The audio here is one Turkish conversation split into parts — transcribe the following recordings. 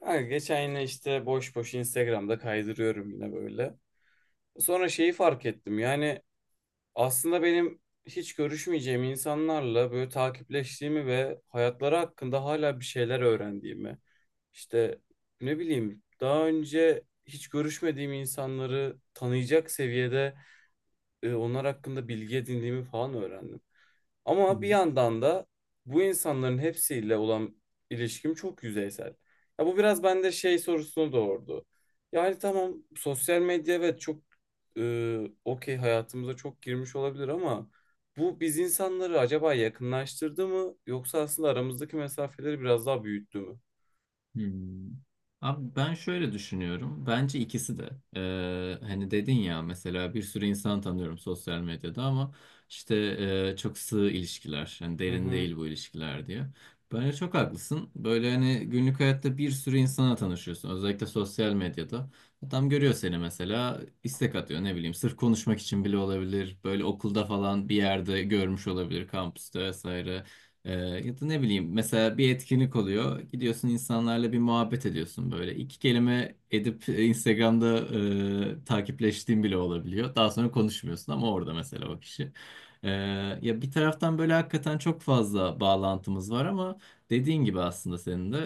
Ha, geçen yine işte boş boş Instagram'da kaydırıyorum yine böyle. Sonra şeyi fark ettim. Yani aslında benim hiç görüşmeyeceğim insanlarla böyle takipleştiğimi ve hayatları hakkında hala bir şeyler öğrendiğimi. İşte ne bileyim daha önce hiç görüşmediğim insanları tanıyacak seviyede onlar hakkında bilgi edindiğimi falan öğrendim. Hı Ama bir hı. yandan da bu insanların hepsiyle olan ilişkim çok yüzeysel. Ya bu biraz bende şey sorusunu doğurdu. Yani tamam sosyal medya evet çok e, okey hayatımıza çok girmiş olabilir ama bu biz insanları acaba yakınlaştırdı mı yoksa aslında aramızdaki mesafeleri biraz daha büyüttü mü? Hmm. Abi ben şöyle düşünüyorum. Bence ikisi de. Hani dedin ya mesela bir sürü insan tanıyorum sosyal medyada ama işte çok sığ ilişkiler. Hani Hı derin hı. değil bu ilişkiler diye. Bence çok haklısın. Böyle hani günlük hayatta bir sürü insana tanışıyorsun. Özellikle sosyal medyada. Adam görüyor seni mesela istek atıyor ne bileyim. Sırf konuşmak için bile olabilir. Böyle okulda falan bir yerde görmüş olabilir. Kampüste vesaire. Ee, Ya da ne bileyim mesela bir etkinlik oluyor. Gidiyorsun insanlarla bir muhabbet ediyorsun böyle. İki kelime edip Instagram'da takipleştiğin bile olabiliyor. Daha sonra konuşmuyorsun ama orada mesela o kişi. Ee, Ya bir taraftan böyle hakikaten çok fazla bağlantımız var ama dediğin gibi aslında senin de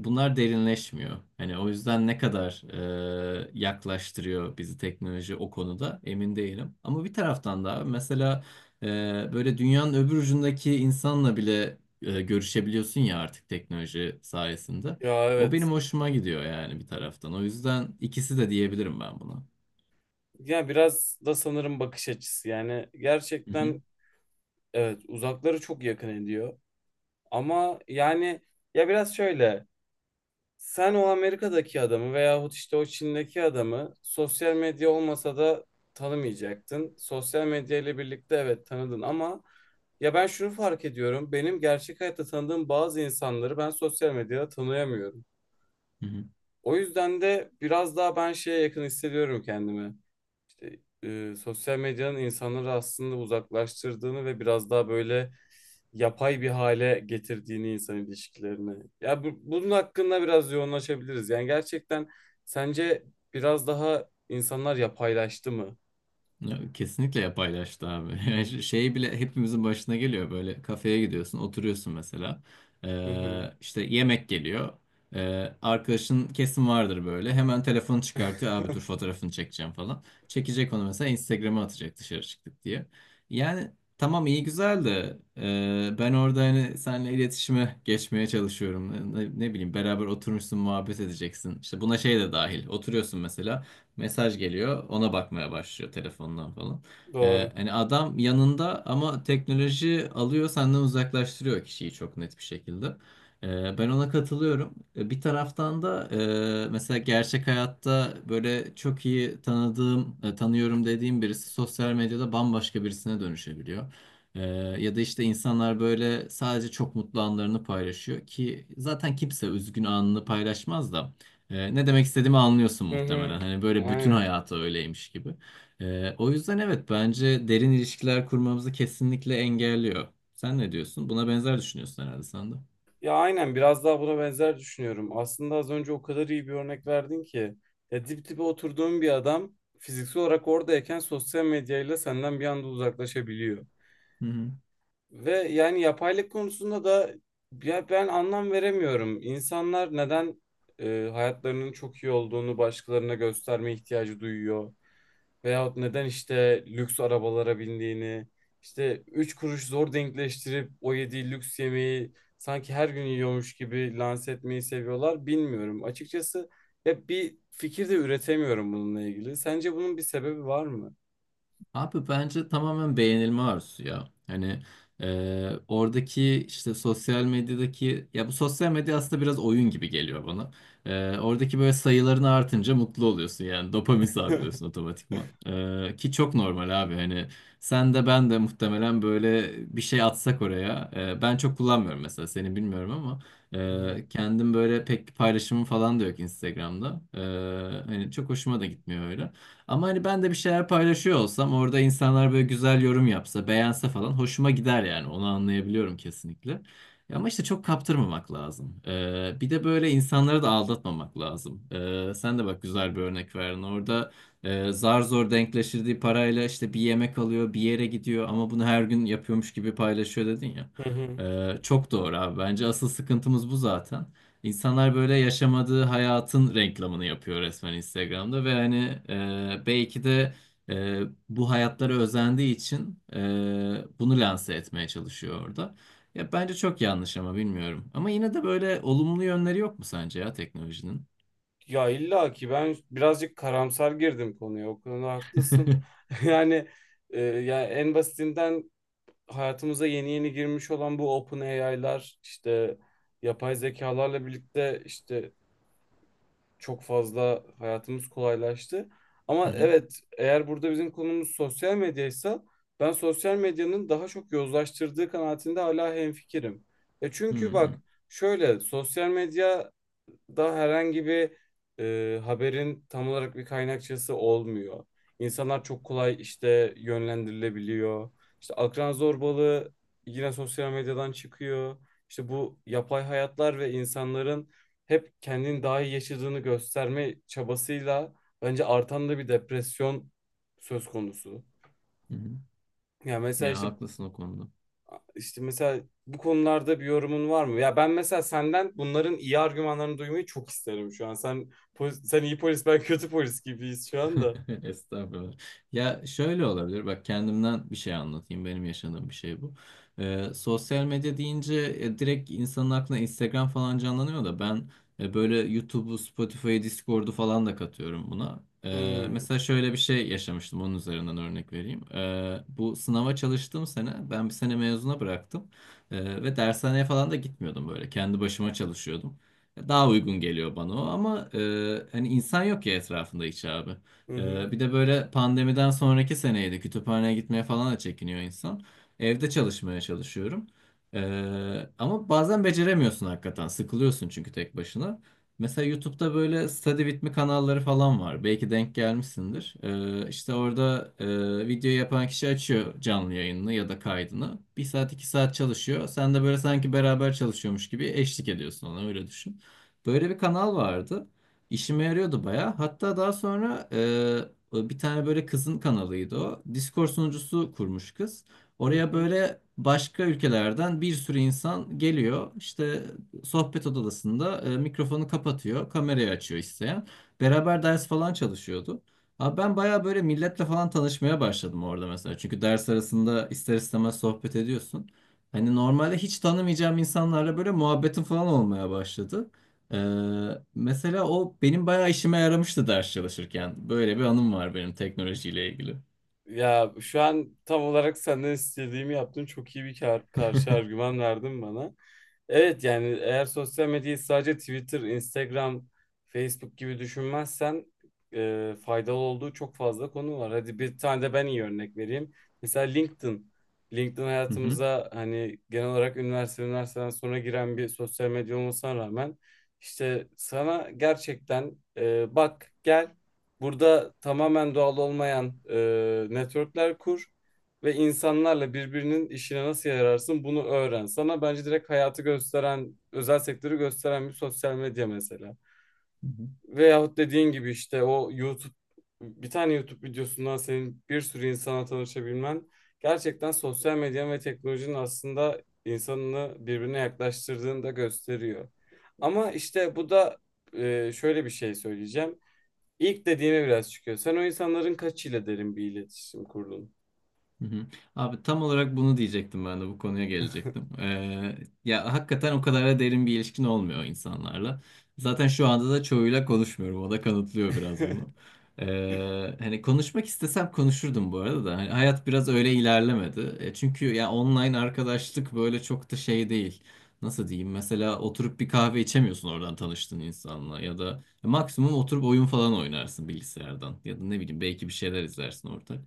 bunlar derinleşmiyor. Hani o yüzden ne kadar yaklaştırıyor bizi teknoloji o konuda emin değilim. Ama bir taraftan da mesela böyle dünyanın öbür ucundaki insanla bile görüşebiliyorsun ya artık teknoloji sayesinde. Ya O evet. benim hoşuma gidiyor yani bir taraftan. O yüzden ikisi de diyebilirim ben buna. Ya biraz da sanırım bakış açısı. Yani Hı hı. gerçekten evet uzakları çok yakın ediyor. Ama yani ya biraz şöyle. Sen o Amerika'daki adamı veyahut işte o Çin'deki adamı sosyal medya olmasa da tanımayacaktın. Sosyal medya ile birlikte evet tanıdın ama ya ben şunu fark ediyorum. Benim gerçek hayatta tanıdığım bazı insanları ben sosyal medyada tanıyamıyorum. Hı hı. O yüzden de biraz daha ben şeye yakın hissediyorum kendimi işte, sosyal medyanın insanları aslında uzaklaştırdığını ve biraz daha böyle yapay bir hale getirdiğini insan ilişkilerini. Ya bunun hakkında biraz yoğunlaşabiliriz. Yani gerçekten sence biraz daha insanlar yapaylaştı mı? Ya, kesinlikle yapaylaştı abi. Yani şey bile hepimizin başına geliyor böyle kafeye gidiyorsun oturuyorsun mesela. Hı hı. İşte yemek geliyor. Arkadaşın kesin vardır böyle hemen telefonu çıkartıyor abi dur fotoğrafını çekeceğim falan, çekecek onu mesela Instagram'a atacak dışarı çıktık diye. Yani tamam iyi güzel de ben orada hani seninle iletişime geçmeye çalışıyorum, ne bileyim beraber oturmuşsun muhabbet edeceksin işte buna şey de dahil, oturuyorsun mesela. Mesaj geliyor. Ona bakmaya başlıyor telefondan falan. Doğru. Hani adam yanında ama teknoloji alıyor senden, uzaklaştırıyor kişiyi çok net bir şekilde. Ben ona katılıyorum. Bir taraftan da mesela gerçek hayatta böyle çok iyi tanıdığım, tanıyorum dediğim birisi sosyal medyada bambaşka birisine dönüşebiliyor. Ee, Ya da işte insanlar böyle sadece çok mutlu anlarını paylaşıyor ki zaten kimse üzgün anını paylaşmaz da. Ne demek istediğimi anlıyorsun Hı hı. muhtemelen. Hani böyle bütün Aynen. hayatı öyleymiş gibi. O yüzden evet bence derin ilişkiler kurmamızı kesinlikle engelliyor. Sen ne diyorsun? Buna benzer düşünüyorsun herhalde sen de. Ya aynen biraz daha buna benzer düşünüyorum. Aslında az önce o kadar iyi bir örnek verdin ki. Ya dip dibe oturduğun bir adam fiziksel olarak oradayken sosyal medyayla senden bir anda uzaklaşabiliyor. Hı hı. Ve yani yapaylık konusunda da ya ben anlam veremiyorum. İnsanlar neden hayatlarının çok iyi olduğunu başkalarına gösterme ihtiyacı duyuyor? Veyahut neden işte lüks arabalara bindiğini, işte 3 kuruş zor denkleştirip o yediği lüks yemeği sanki her gün yiyormuş gibi lanse etmeyi seviyorlar bilmiyorum. Açıkçası hep bir fikir de üretemiyorum bununla ilgili. Sence bunun bir sebebi var mı? Abi bence tamamen beğenilme arzusu ya. Hani oradaki işte sosyal medyadaki, ya bu sosyal medya aslında biraz oyun gibi geliyor bana. Oradaki böyle sayıların artınca mutlu oluyorsun yani dopamin Hı salgılıyorsun otomatikman. E, ki çok normal abi hani sen de ben de muhtemelen böyle bir şey atsak oraya. Ben çok kullanmıyorum mesela, seni bilmiyorum ama hı. Kendim böyle pek paylaşımım falan da yok Instagram'da. Hani çok hoşuma da gitmiyor öyle. Ama hani ben de bir şeyler paylaşıyor olsam orada insanlar böyle güzel yorum yapsa, beğense falan hoşuma gider yani. Onu anlayabiliyorum kesinlikle. Ya ama işte çok kaptırmamak lazım. Bir de böyle insanları da aldatmamak lazım. Sen de bak güzel bir örnek verdin. Orada zar zor denkleştirdiği parayla işte bir yemek alıyor, bir yere gidiyor ama bunu her gün yapıyormuş gibi paylaşıyor dedin ya. Hı hı. Çok doğru abi. Bence asıl sıkıntımız bu zaten. İnsanlar böyle yaşamadığı hayatın reklamını yapıyor resmen Instagram'da ve hani belki de e, bu hayatlara özendiği için bunu lanse etmeye çalışıyor orada. Ya bence çok yanlış ama bilmiyorum. Ama yine de böyle olumlu yönleri yok mu sence ya teknolojinin? Ya illa ki ben birazcık karamsar girdim konuya. O konuda haklısın. Yani ya en basitinden hayatımıza yeni yeni girmiş olan bu OpenAI'lar işte yapay zekalarla birlikte işte çok fazla hayatımız kolaylaştı. Ama Hı hı. evet eğer burada bizim konumuz sosyal medyaysa ben sosyal medyanın daha çok yozlaştırdığı kanaatinde hala hemfikirim. E Hı çünkü hı. bak şöyle sosyal medya da herhangi bir haberin tam olarak bir kaynakçası olmuyor. İnsanlar çok kolay işte yönlendirilebiliyor. İşte akran zorbalığı yine sosyal medyadan çıkıyor. İşte bu yapay hayatlar ve insanların hep kendini daha iyi yaşadığını gösterme çabasıyla bence artan da bir depresyon söz konusu. Hı hı. Yani mesela Ya işte haklısın o konuda. işte mesela bu konularda bir yorumun var mı? Ya ben mesela senden bunların iyi argümanlarını duymayı çok isterim şu an. Sen sen iyi polis, ben kötü polis gibiyiz şu anda. Estağfurullah. Ya şöyle olabilir. Bak kendimden bir şey anlatayım. Benim yaşadığım bir şey bu. Sosyal medya deyince direkt insanın aklına Instagram falan canlanıyor da, ben böyle YouTube'u, Spotify'ı, Discord'u falan da katıyorum buna. Hmm. Mesela şöyle bir şey yaşamıştım. Onun üzerinden örnek vereyim. Bu sınava çalıştığım sene ben bir sene mezuna bıraktım. Ve dershaneye falan da gitmiyordum böyle. Kendi başıma çalışıyordum. Daha uygun geliyor bana o ama hani insan yok ya etrafında hiç abi. Hı hı. Bir de böyle pandemiden sonraki seneydi. Kütüphaneye gitmeye falan da çekiniyor insan. Evde çalışmaya çalışıyorum. Ama bazen beceremiyorsun hakikaten. Sıkılıyorsun çünkü tek başına. Mesela YouTube'da böyle study with me kanalları falan var. Belki denk gelmişsindir. İşte orada video yapan kişi açıyor canlı yayınını ya da kaydını. Bir saat iki saat çalışıyor. Sen de böyle sanki beraber çalışıyormuş gibi eşlik ediyorsun ona, öyle düşün. Böyle bir kanal vardı. İşime yarıyordu baya. Hatta daha sonra bir tane böyle kızın kanalıydı o. Discord sunucusu kurmuş kız. Hı Oraya hı. böyle başka ülkelerden bir sürü insan geliyor. İşte sohbet odasında mikrofonu kapatıyor, kamerayı açıyor isteyen. Beraber ders falan çalışıyordu. Abi ben baya böyle milletle falan tanışmaya başladım orada mesela. Çünkü ders arasında ister istemez sohbet ediyorsun. Hani normalde hiç tanımayacağım insanlarla böyle muhabbetim falan olmaya başladı. Mesela o benim bayağı işime yaramıştı ders çalışırken. Böyle bir anım var benim teknolojiyle ilgili. Ya şu an tam olarak senden istediğimi yaptın. Çok iyi bir karşı argüman verdin bana. Evet yani eğer sosyal medyayı sadece Twitter, Instagram, Facebook gibi düşünmezsen faydalı olduğu çok fazla konu var. Hadi bir tane de ben iyi örnek vereyim. Mesela LinkedIn. LinkedIn Hı hı. hayatımıza hani genel olarak üniversite, üniversiteden sonra giren bir sosyal medya olmasına rağmen işte sana gerçekten bak gel burada tamamen doğal olmayan networkler kur ve insanlarla birbirinin işine nasıl yararsın bunu öğren. Sana bence direkt hayatı gösteren, özel sektörü gösteren bir sosyal medya mesela. Veyahut dediğin gibi işte o YouTube, bir tane YouTube videosundan senin bir sürü insana tanışabilmen gerçekten sosyal medyanın ve teknolojinin aslında insanını birbirine yaklaştırdığını da gösteriyor. Ama işte bu da şöyle bir şey söyleyeceğim. İlk dediğime biraz çıkıyor. Sen o insanların kaçıyla derin bir iletişim kurdun? Hı hı. Abi tam olarak bunu diyecektim, ben de bu konuya gelecektim. Ya hakikaten o kadar da derin bir ilişkin olmuyor insanlarla. Zaten şu anda da çoğuyla konuşmuyorum. O da kanıtlıyor biraz bunu. Hani konuşmak istesem konuşurdum bu arada da. Hani hayat biraz öyle ilerlemedi. E, çünkü ya online arkadaşlık böyle çok da şey değil. Nasıl diyeyim? Mesela oturup bir kahve içemiyorsun oradan tanıştığın insanla, ya da maksimum oturup oyun falan oynarsın bilgisayardan ya da ne bileyim belki bir şeyler izlersin ortak.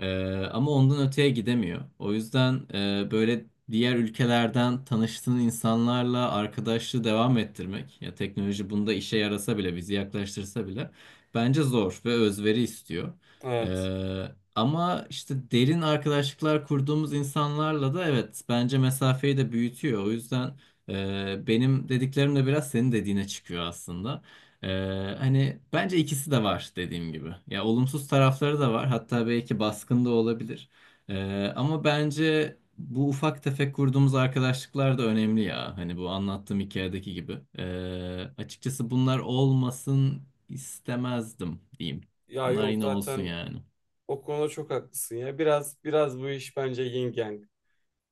Ama ondan öteye gidemiyor. O yüzden böyle diğer ülkelerden tanıştığın insanlarla arkadaşlığı devam ettirmek, ya teknoloji bunda işe yarasa bile, bizi yaklaştırsa bile bence zor ve özveri istiyor. Evet. Ee, Ama işte derin arkadaşlıklar kurduğumuz insanlarla da evet bence mesafeyi de büyütüyor. O yüzden benim dediklerim de biraz senin dediğine çıkıyor aslında. Hani bence ikisi de var dediğim gibi. Ya olumsuz tarafları da var. Hatta belki baskın da olabilir. Ama bence bu ufak tefek kurduğumuz arkadaşlıklar da önemli ya. Hani bu anlattığım hikayedeki gibi. Açıkçası bunlar olmasın istemezdim diyeyim. Ya Bunlar yok yine olsun zaten yani. o konuda çok haklısın ya. Biraz biraz bu iş bence yin yang.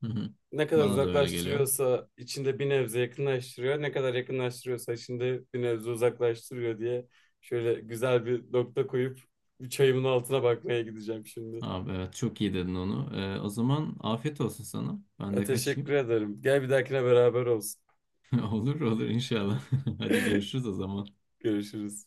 Hı hı. Ne kadar Bana da öyle geliyor. uzaklaştırıyorsa içinde bir nebze yakınlaştırıyor, ne kadar yakınlaştırıyorsa içinde bir nebze uzaklaştırıyor diye şöyle güzel bir nokta koyup çayımın altına bakmaya gideceğim şimdi. Abi evet çok iyi dedin onu. O zaman afiyet olsun sana. Ben Ya, de teşekkür kaçayım. ederim. Gel bir dahakine beraber olsun. Olur olur inşallah. Hadi görüşürüz o zaman. Görüşürüz.